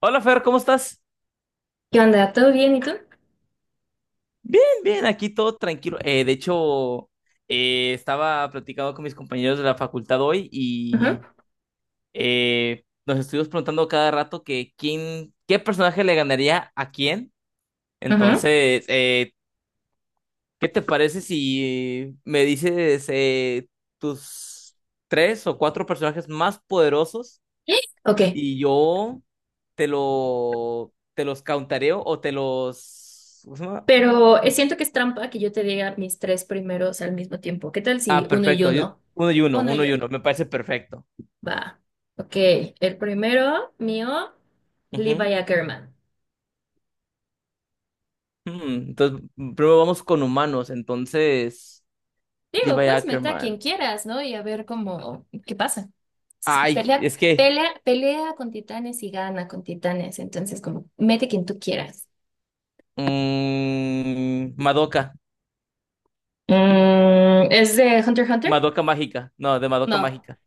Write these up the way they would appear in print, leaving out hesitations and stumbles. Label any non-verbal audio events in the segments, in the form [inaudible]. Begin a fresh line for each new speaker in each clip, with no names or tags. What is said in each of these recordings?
Hola Fer, ¿cómo estás?
¿Qué onda? ¿Todo bien? ¿Y tú?
Bien, bien, aquí todo tranquilo. De hecho, estaba platicando con mis compañeros de la facultad hoy
Ujú,
y nos estuvimos preguntando cada rato que qué personaje le ganaría a quién.
ujú.
Entonces, ¿qué te parece si me dices tus tres o cuatro personajes más poderosos
Ok,
y yo te los countareo ¿cómo se llama?
pero siento que es trampa que yo te diga mis tres primeros al mismo tiempo. ¿Qué tal
Ah,
si uno y
perfecto.
uno?
Uno y uno,
Uno
uno
y
y
uno.
uno. Me parece perfecto.
Va. Ok, el primero mío,
Ujú.
Levi Ackerman.
Entonces, primero vamos con humanos. Entonces,
Digo,
Levi
pues meta a quien
Ackerman.
quieras, ¿no? Y a ver cómo, qué pasa.
Ay,
Pelea,
es que.
pelea, pelea con titanes y gana con titanes. Entonces, como, mete quien tú quieras.
Madoka.
Mm, ¿es de Hunter x Hunter?
Madoka Mágica. No, de Madoka
No.
Mágica.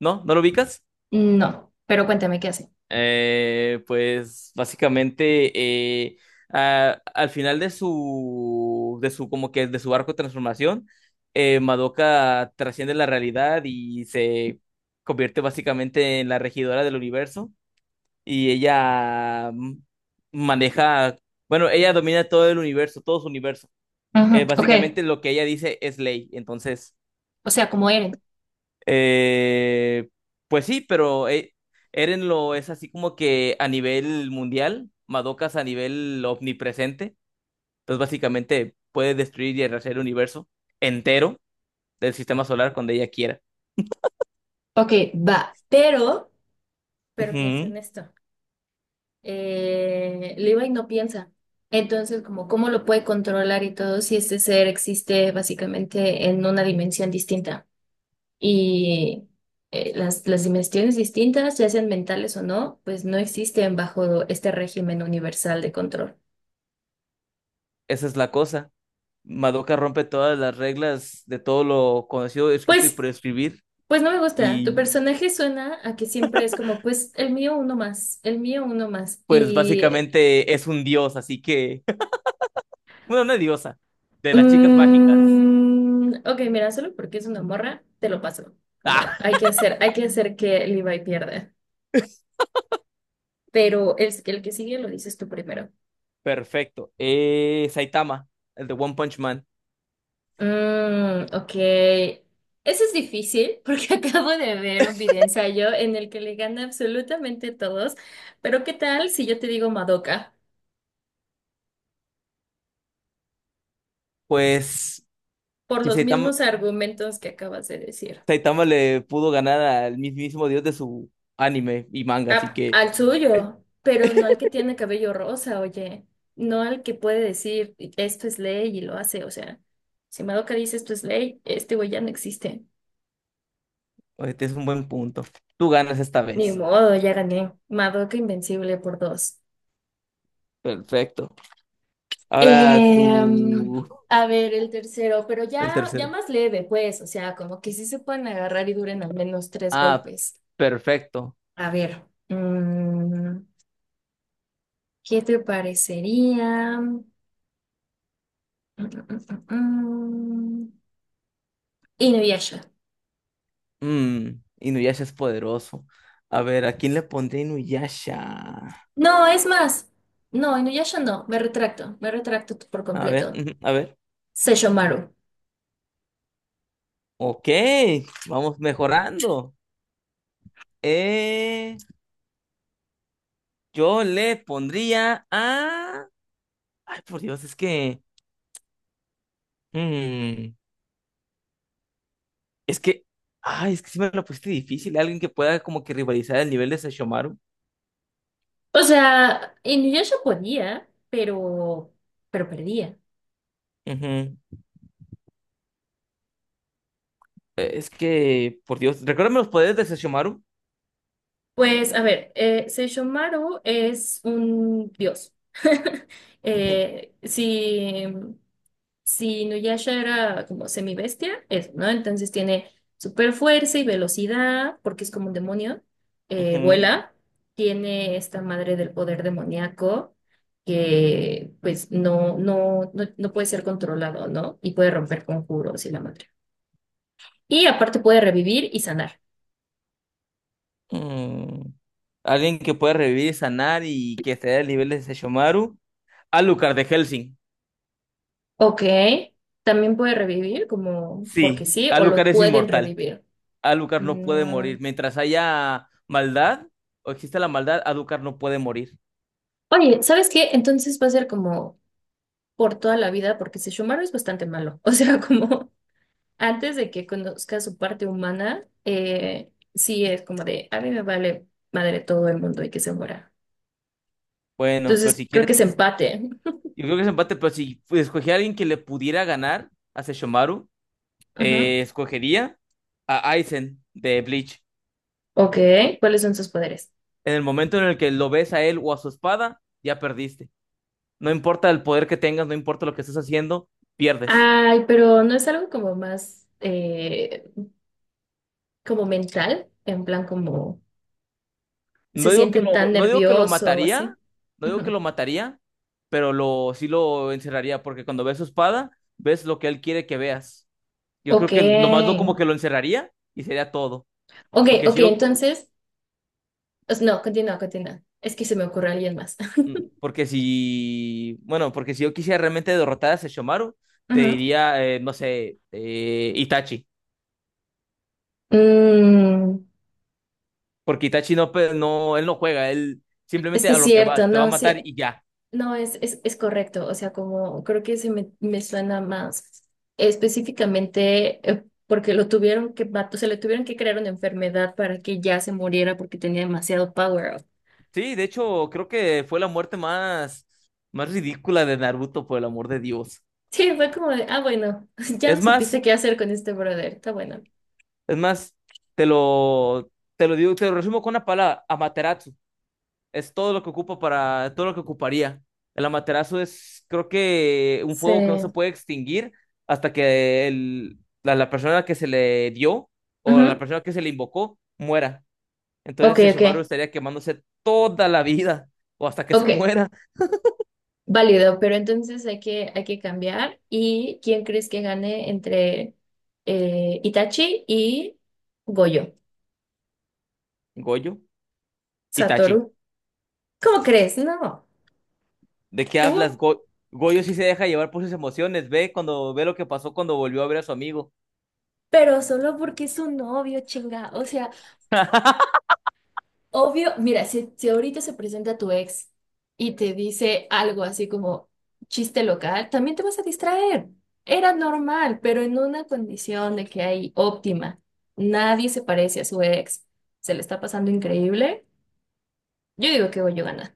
¿No? ¿No lo ubicas?
No, pero cuéntame qué hace.
Pues básicamente eh, al final de su como que de su arco de transformación, Madoka trasciende la realidad y se convierte básicamente en la regidora del universo, y ella maneja, bueno, ella domina todo su universo.
Ujú, ok,
Básicamente lo que ella dice es ley. Entonces,
o sea, como Eren.
eh, pues sí, pero Eren lo es así como que a nivel mundial, Madoka es a nivel omnipresente. Entonces básicamente puede destruir y arrasar el universo entero del sistema solar cuando ella quiera.
Ok, va, pero piensa
Ujú.
en esto. Levi no piensa. Entonces, como, ¿cómo lo puede controlar y todo si este ser existe básicamente en una dimensión distinta? Y las dimensiones distintas, ya sean mentales o no, pues no existen bajo este régimen universal de control.
Esa es la cosa. Madoka rompe todas las reglas de todo lo conocido, escrito y
Pues,
por escribir,
pues no me gusta.
y
Tu personaje suena a que siempre es como, pues el mío uno más, el mío uno más.
pues
Y
básicamente es un dios, así que, [laughs] bueno, una diosa de las chicas mágicas.
mm, ok, mira, solo porque es una morra, te lo paso. Como
[laughs]
hay que hacer que Levi pierda. Pero el que sigue lo dices tú primero.
Perfecto. Saitama, el de One Punch Man.
Mm, ok. Ese es difícil porque [laughs] acabo de ver un video ensayo en el que le gana absolutamente a todos. Pero ¿qué tal si yo te digo Madoka?
Pues
Por
si
los
Saitama,
mismos argumentos que acabas de decir.
Le pudo ganar al mismísimo dios de su anime y manga, así que
Al suyo, pero no al que tiene cabello rosa, oye, no al que puede decir esto es ley y lo hace, o sea, si Madoka dice esto es ley, este güey ya no existe.
este es un buen punto. Tú ganas esta
Ni
vez.
modo, ya gané. Madoka invencible por dos.
Perfecto. Ahora
Em,
tú,
a ver, el tercero, pero
el
ya, ya
tercero.
más leve, pues, o sea, como que sí se pueden agarrar y duren al menos tres
Ah,
golpes.
perfecto.
A ver, ¿qué te parecería? Mm, mm, mm, mm. Inuyasha.
Mm, Inuyasha es poderoso. A ver, ¿a quién le pondré Inuyasha?
No, es más. No, Inuyasha no. Me retracto. Me retracto por
A ver,
completo.
ujú, a ver.
Sesshomaru.
Ok, vamos mejorando. Eh... Yo le pondría a... Ay, por Dios, es que... mm, es que... Ay, es que sí me lo pusiste difícil. Alguien que pueda como que rivalizar el nivel de Sesshomaru.
O sea, Inuyasha podía, pero perdía.
Ujú. Es que, por Dios, recuérdame los poderes de Sesshomaru.
Pues, a ver, Seishomaru es un dios. [laughs]
Ujú,
Eh, si Si Nuyasha era como semibestia, eso, ¿no? Entonces tiene super fuerza y velocidad, porque es como un demonio.
ujú,
Vuela, tiene esta madre del poder demoníaco que pues no, no, no, no puede ser controlado, ¿no? Y puede romper conjuros y la madre. Y aparte puede revivir y sanar.
mm. Alguien que pueda revivir y sanar y que esté al nivel de Sesshomaru. Alucard de Helsing.
Ok, también puede revivir, como porque
Sí,
sí, o
Alucard
lo
es
pueden
inmortal.
revivir.
Alucard no puede
Mm.
morir. Mientras haya maldad o exista la maldad, Alucard no puede morir.
Oye, ¿sabes qué? Entonces va a ser como por toda la vida, porque Sesshomaru es bastante malo. [laughs] O sea, como antes de que conozca su parte humana, sí es como de, a mí me vale madre todo el mundo y que se muera.
Bueno, pero si
Entonces, creo que es
quieres,
empate.
yo creo que es empate, pero si escogía a alguien que le pudiera ganar a Sesshomaru,
Ajá.
escogería a Aizen de Bleach.
Ok, ¿cuáles son sus poderes?
En el momento en el que lo ves a él o a su espada, ya perdiste. No importa el poder que tengas, no importa lo que estés haciendo, pierdes.
Ay, pero no es algo como más, como mental, en plan como
No
se
digo que
sienten
lo,
tan
no digo que lo
nervioso o
mataría,
así.
no digo que
Ujú.
lo mataría, sí lo encerraría, porque cuando ves su espada, ves lo que él quiere que veas. Yo creo
Ok,
que nomás lo como que lo encerraría y sería todo.
ok,
Porque
ok,
si yo,
entonces, pues, no, continúa, continúa. Es que se me ocurre alguien más.
Mm, Porque si, bueno, porque si yo quisiera realmente derrotar a Sesshomaru,
[laughs]
te
Ujú.
diría, no sé, Itachi.
Mm,
Porque Itachi no, no, él no juega, él
es
simplemente
que
a
es
lo que va,
cierto,
te va a
no,
matar
sí,
y ya.
no, es correcto, o sea, como creo que me suena más específicamente porque lo tuvieron que, o sea, le tuvieron que crear una enfermedad para que ya se muriera porque tenía demasiado power up. [laughs]
Sí, de hecho, creo que fue la muerte más ridícula de Naruto, por el amor de Dios.
Sí, fue como de, ah, bueno, [laughs] ya
Es
no supiste
más,
qué hacer con este brother, está bueno.
es más, te lo digo, te lo resumo con una palabra, Amaterasu. Es todo lo que ocupa para, todo lo que ocuparía. El amaterasu es, creo que, un
Sí.
fuego que no se puede extinguir hasta que la persona que se le dio o la
Ujú.
persona que se le invocó muera.
Ok,
Entonces el Shimaru
ok,
estaría quemándose toda la vida [laughs] o hasta que se
ok.
muera.
Válido, pero entonces hay que cambiar. ¿Y quién crees que gane entre Itachi y Goyo?
Goyo, Itachi,
Satoru. ¿Cómo crees? No.
¿de qué
¿Por?
hablas? Goyo sí se deja llevar por sus emociones. Ve cuando ve lo que pasó cuando volvió a ver a su amigo.
Pero solo porque es un novio, chinga. O sea,
[laughs]
obvio, mira, si, si ahorita se presenta tu ex y te dice algo así como chiste local, también te vas a distraer. Era normal, pero en una condición de que hay óptima. Nadie se parece a su ex. Se le está pasando increíble. Yo digo que Goyo gana,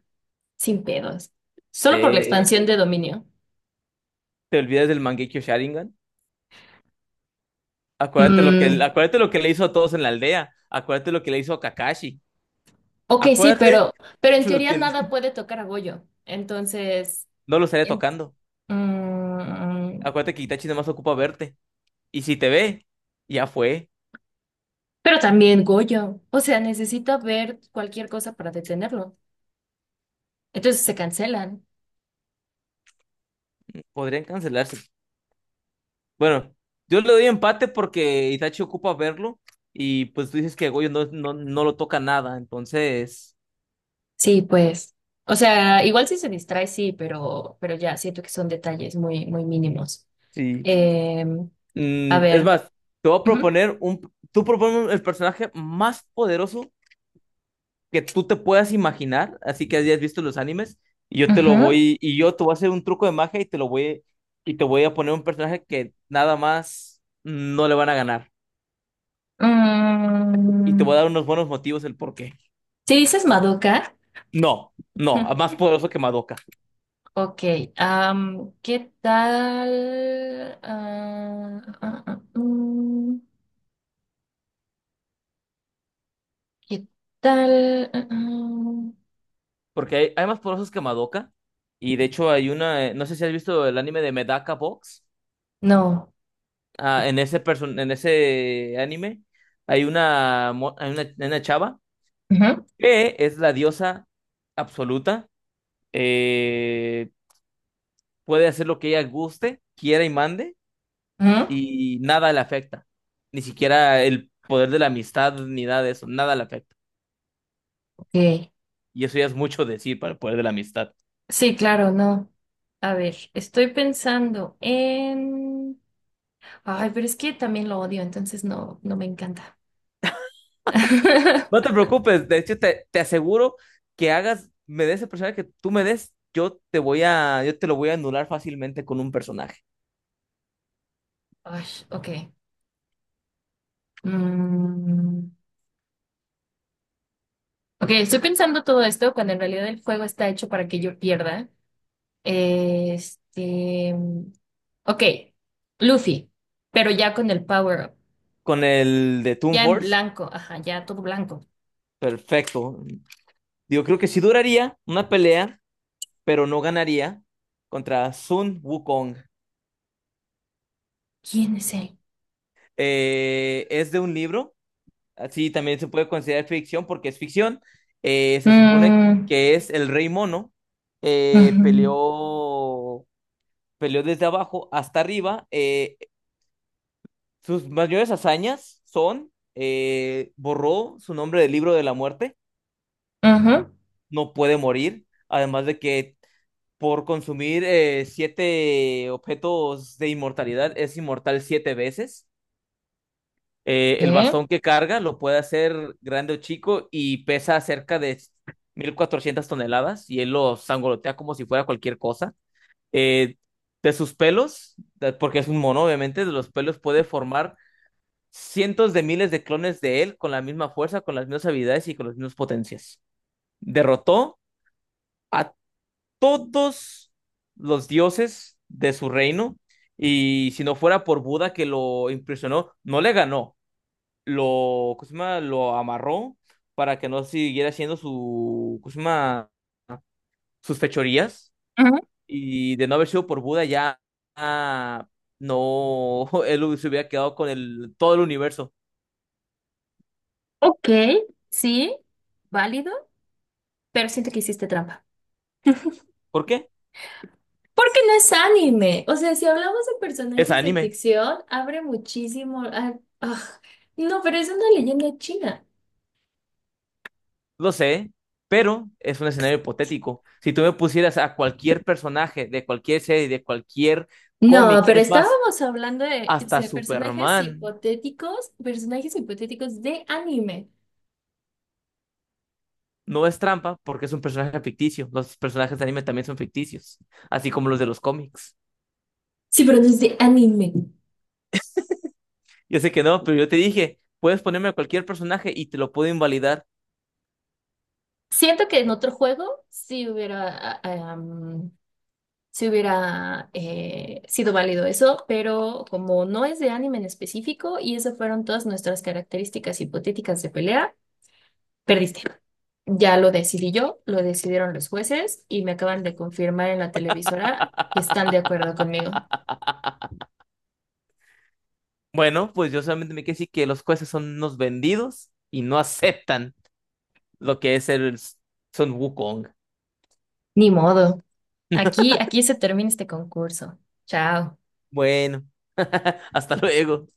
sin pedos. Solo por la, sí,
Eh,
expansión de dominio.
Te olvidas del Mangekyo Sharingan. Acuérdate lo que,
Mm, [laughs]
acuérdate lo que le hizo a todos en la aldea. Acuérdate lo que le hizo a Kakashi.
ok, sí,
Acuérdate
pero en
lo
teoría
que
nada
[laughs]
puede tocar a Goyo. Entonces,
no lo estaría
en-
tocando.
mm,
Acuérdate que Itachi nada más ocupa verte. Y si te ve, ya fue.
pero también Goyo. O sea, necesita ver cualquier cosa para detenerlo. Entonces se cancelan.
Podrían cancelarse. Bueno, yo le doy empate porque Itachi ocupa verlo. Y pues tú dices que Goyo no, no, no lo toca nada. Entonces,
Sí, pues. O sea, igual si se distrae, sí, pero ya siento que son detalles muy, muy mínimos.
sí.
Em, a
Es
ver.
más, te voy a
Ujú,
proponer un. Tú propones el personaje más poderoso que tú te puedas imaginar, así que hayas visto los animes, y yo te lo
ujú.
voy, y yo te voy a hacer un truco de magia y y te voy a poner un personaje que nada más no le van a ganar. Y te voy a
Mm,
dar unos buenos motivos el por qué.
si dices Madoka,
No, no,
[laughs]
más poderoso que Madoka.
ok. ¿Qué tal? ¿Qué tal?
Porque hay más poderosos que Madoka. Y de hecho no sé si has visto el anime de Medaka Box.
No.
Ah, en ese anime hay una chava
Ujú,
que es la diosa absoluta. Eh, Puede hacer lo que ella guste, quiera y mande,
ujú,
y nada le afecta. Ni siquiera el poder de la amistad, ni nada de eso, nada le afecta.
ok.
Y eso ya es mucho decir para el poder de la amistad.
Sí, claro, no. A ver, estoy pensando en... Ay, pero es que también lo odio, entonces no, no me encanta. [laughs]
No te preocupes, de hecho te aseguro que me des el personaje que tú me des, yo te lo voy a anular fácilmente con un personaje.
Ay, ok. Mm, ok, estoy pensando todo esto cuando en realidad el juego está hecho para que yo pierda. Este, ok, Luffy, pero ya con el power up,
Con el de Toon
ya en
Force,
blanco, ajá, ya todo blanco.
perfecto. Yo creo que sí duraría una pelea, pero no ganaría contra Sun Wukong.
¿Quién es él?
Es de un libro. Así también se puede considerar ficción porque es ficción. Se supone
Mm,
que es el rey mono.
ujú,
Peleó, desde abajo hasta arriba. Sus mayores hazañas son, borró su nombre del libro de la muerte,
ujú,
no puede morir, además de que por consumir siete objetos de inmortalidad es inmortal siete veces. El
¿qué?
bastón que carga lo puede hacer grande o chico y pesa cerca de 1400 toneladas, y él lo sangolotea como si fuera cualquier cosa. Eh, de sus pelos, porque es un mono, obviamente, de los pelos puede formar cientos de miles de clones de él con la misma fuerza, con las mismas habilidades y con las mismas potencias. Derrotó a todos los dioses de su reino, y si no fuera por Buda que lo impresionó, no le ganó, lo, ¿cómo se llama? Lo amarró para que no siguiera haciendo su, ¿cómo se llama? Sus fechorías.
Ujú,
Y de no haber sido por Buda, ya ah, no, [laughs] él se hubiera quedado con todo el universo.
ok, sí, válido, pero siento que hiciste trampa.
¿Por qué?
Porque no es anime. O sea, si hablamos de
Es
personajes de
anime,
ficción, abre muchísimo. Ah, no, pero es una leyenda china.
lo sé, pero es un escenario hipotético. Si tú me pusieras a cualquier personaje de cualquier serie, de cualquier
No,
cómic,
pero
es más,
estábamos hablando de, sí,
hasta
de
Superman.
personajes hipotéticos de anime.
No es trampa porque es un personaje ficticio. Los personajes de anime también son ficticios, así como los de los cómics.
Sí, pero no es de anime.
Yo sé que no, pero yo te dije, puedes ponerme a cualquier personaje y te lo puedo invalidar.
Siento que en otro juego sí hubiera, sí hubiera sido válido eso, pero como no es de anime en específico y esas fueron todas nuestras características hipotéticas de pelea, perdiste. Ya lo decidí yo, lo decidieron los jueces y me acaban de confirmar en la televisora que están de acuerdo conmigo.
Bueno, pues yo solamente me quedé decir que los jueces son unos vendidos y no [laughs] aceptan lo que es el Son Wukong.
Ni modo. Aquí, aquí se termina este concurso. Chao.
Bueno, [laughs] hasta luego.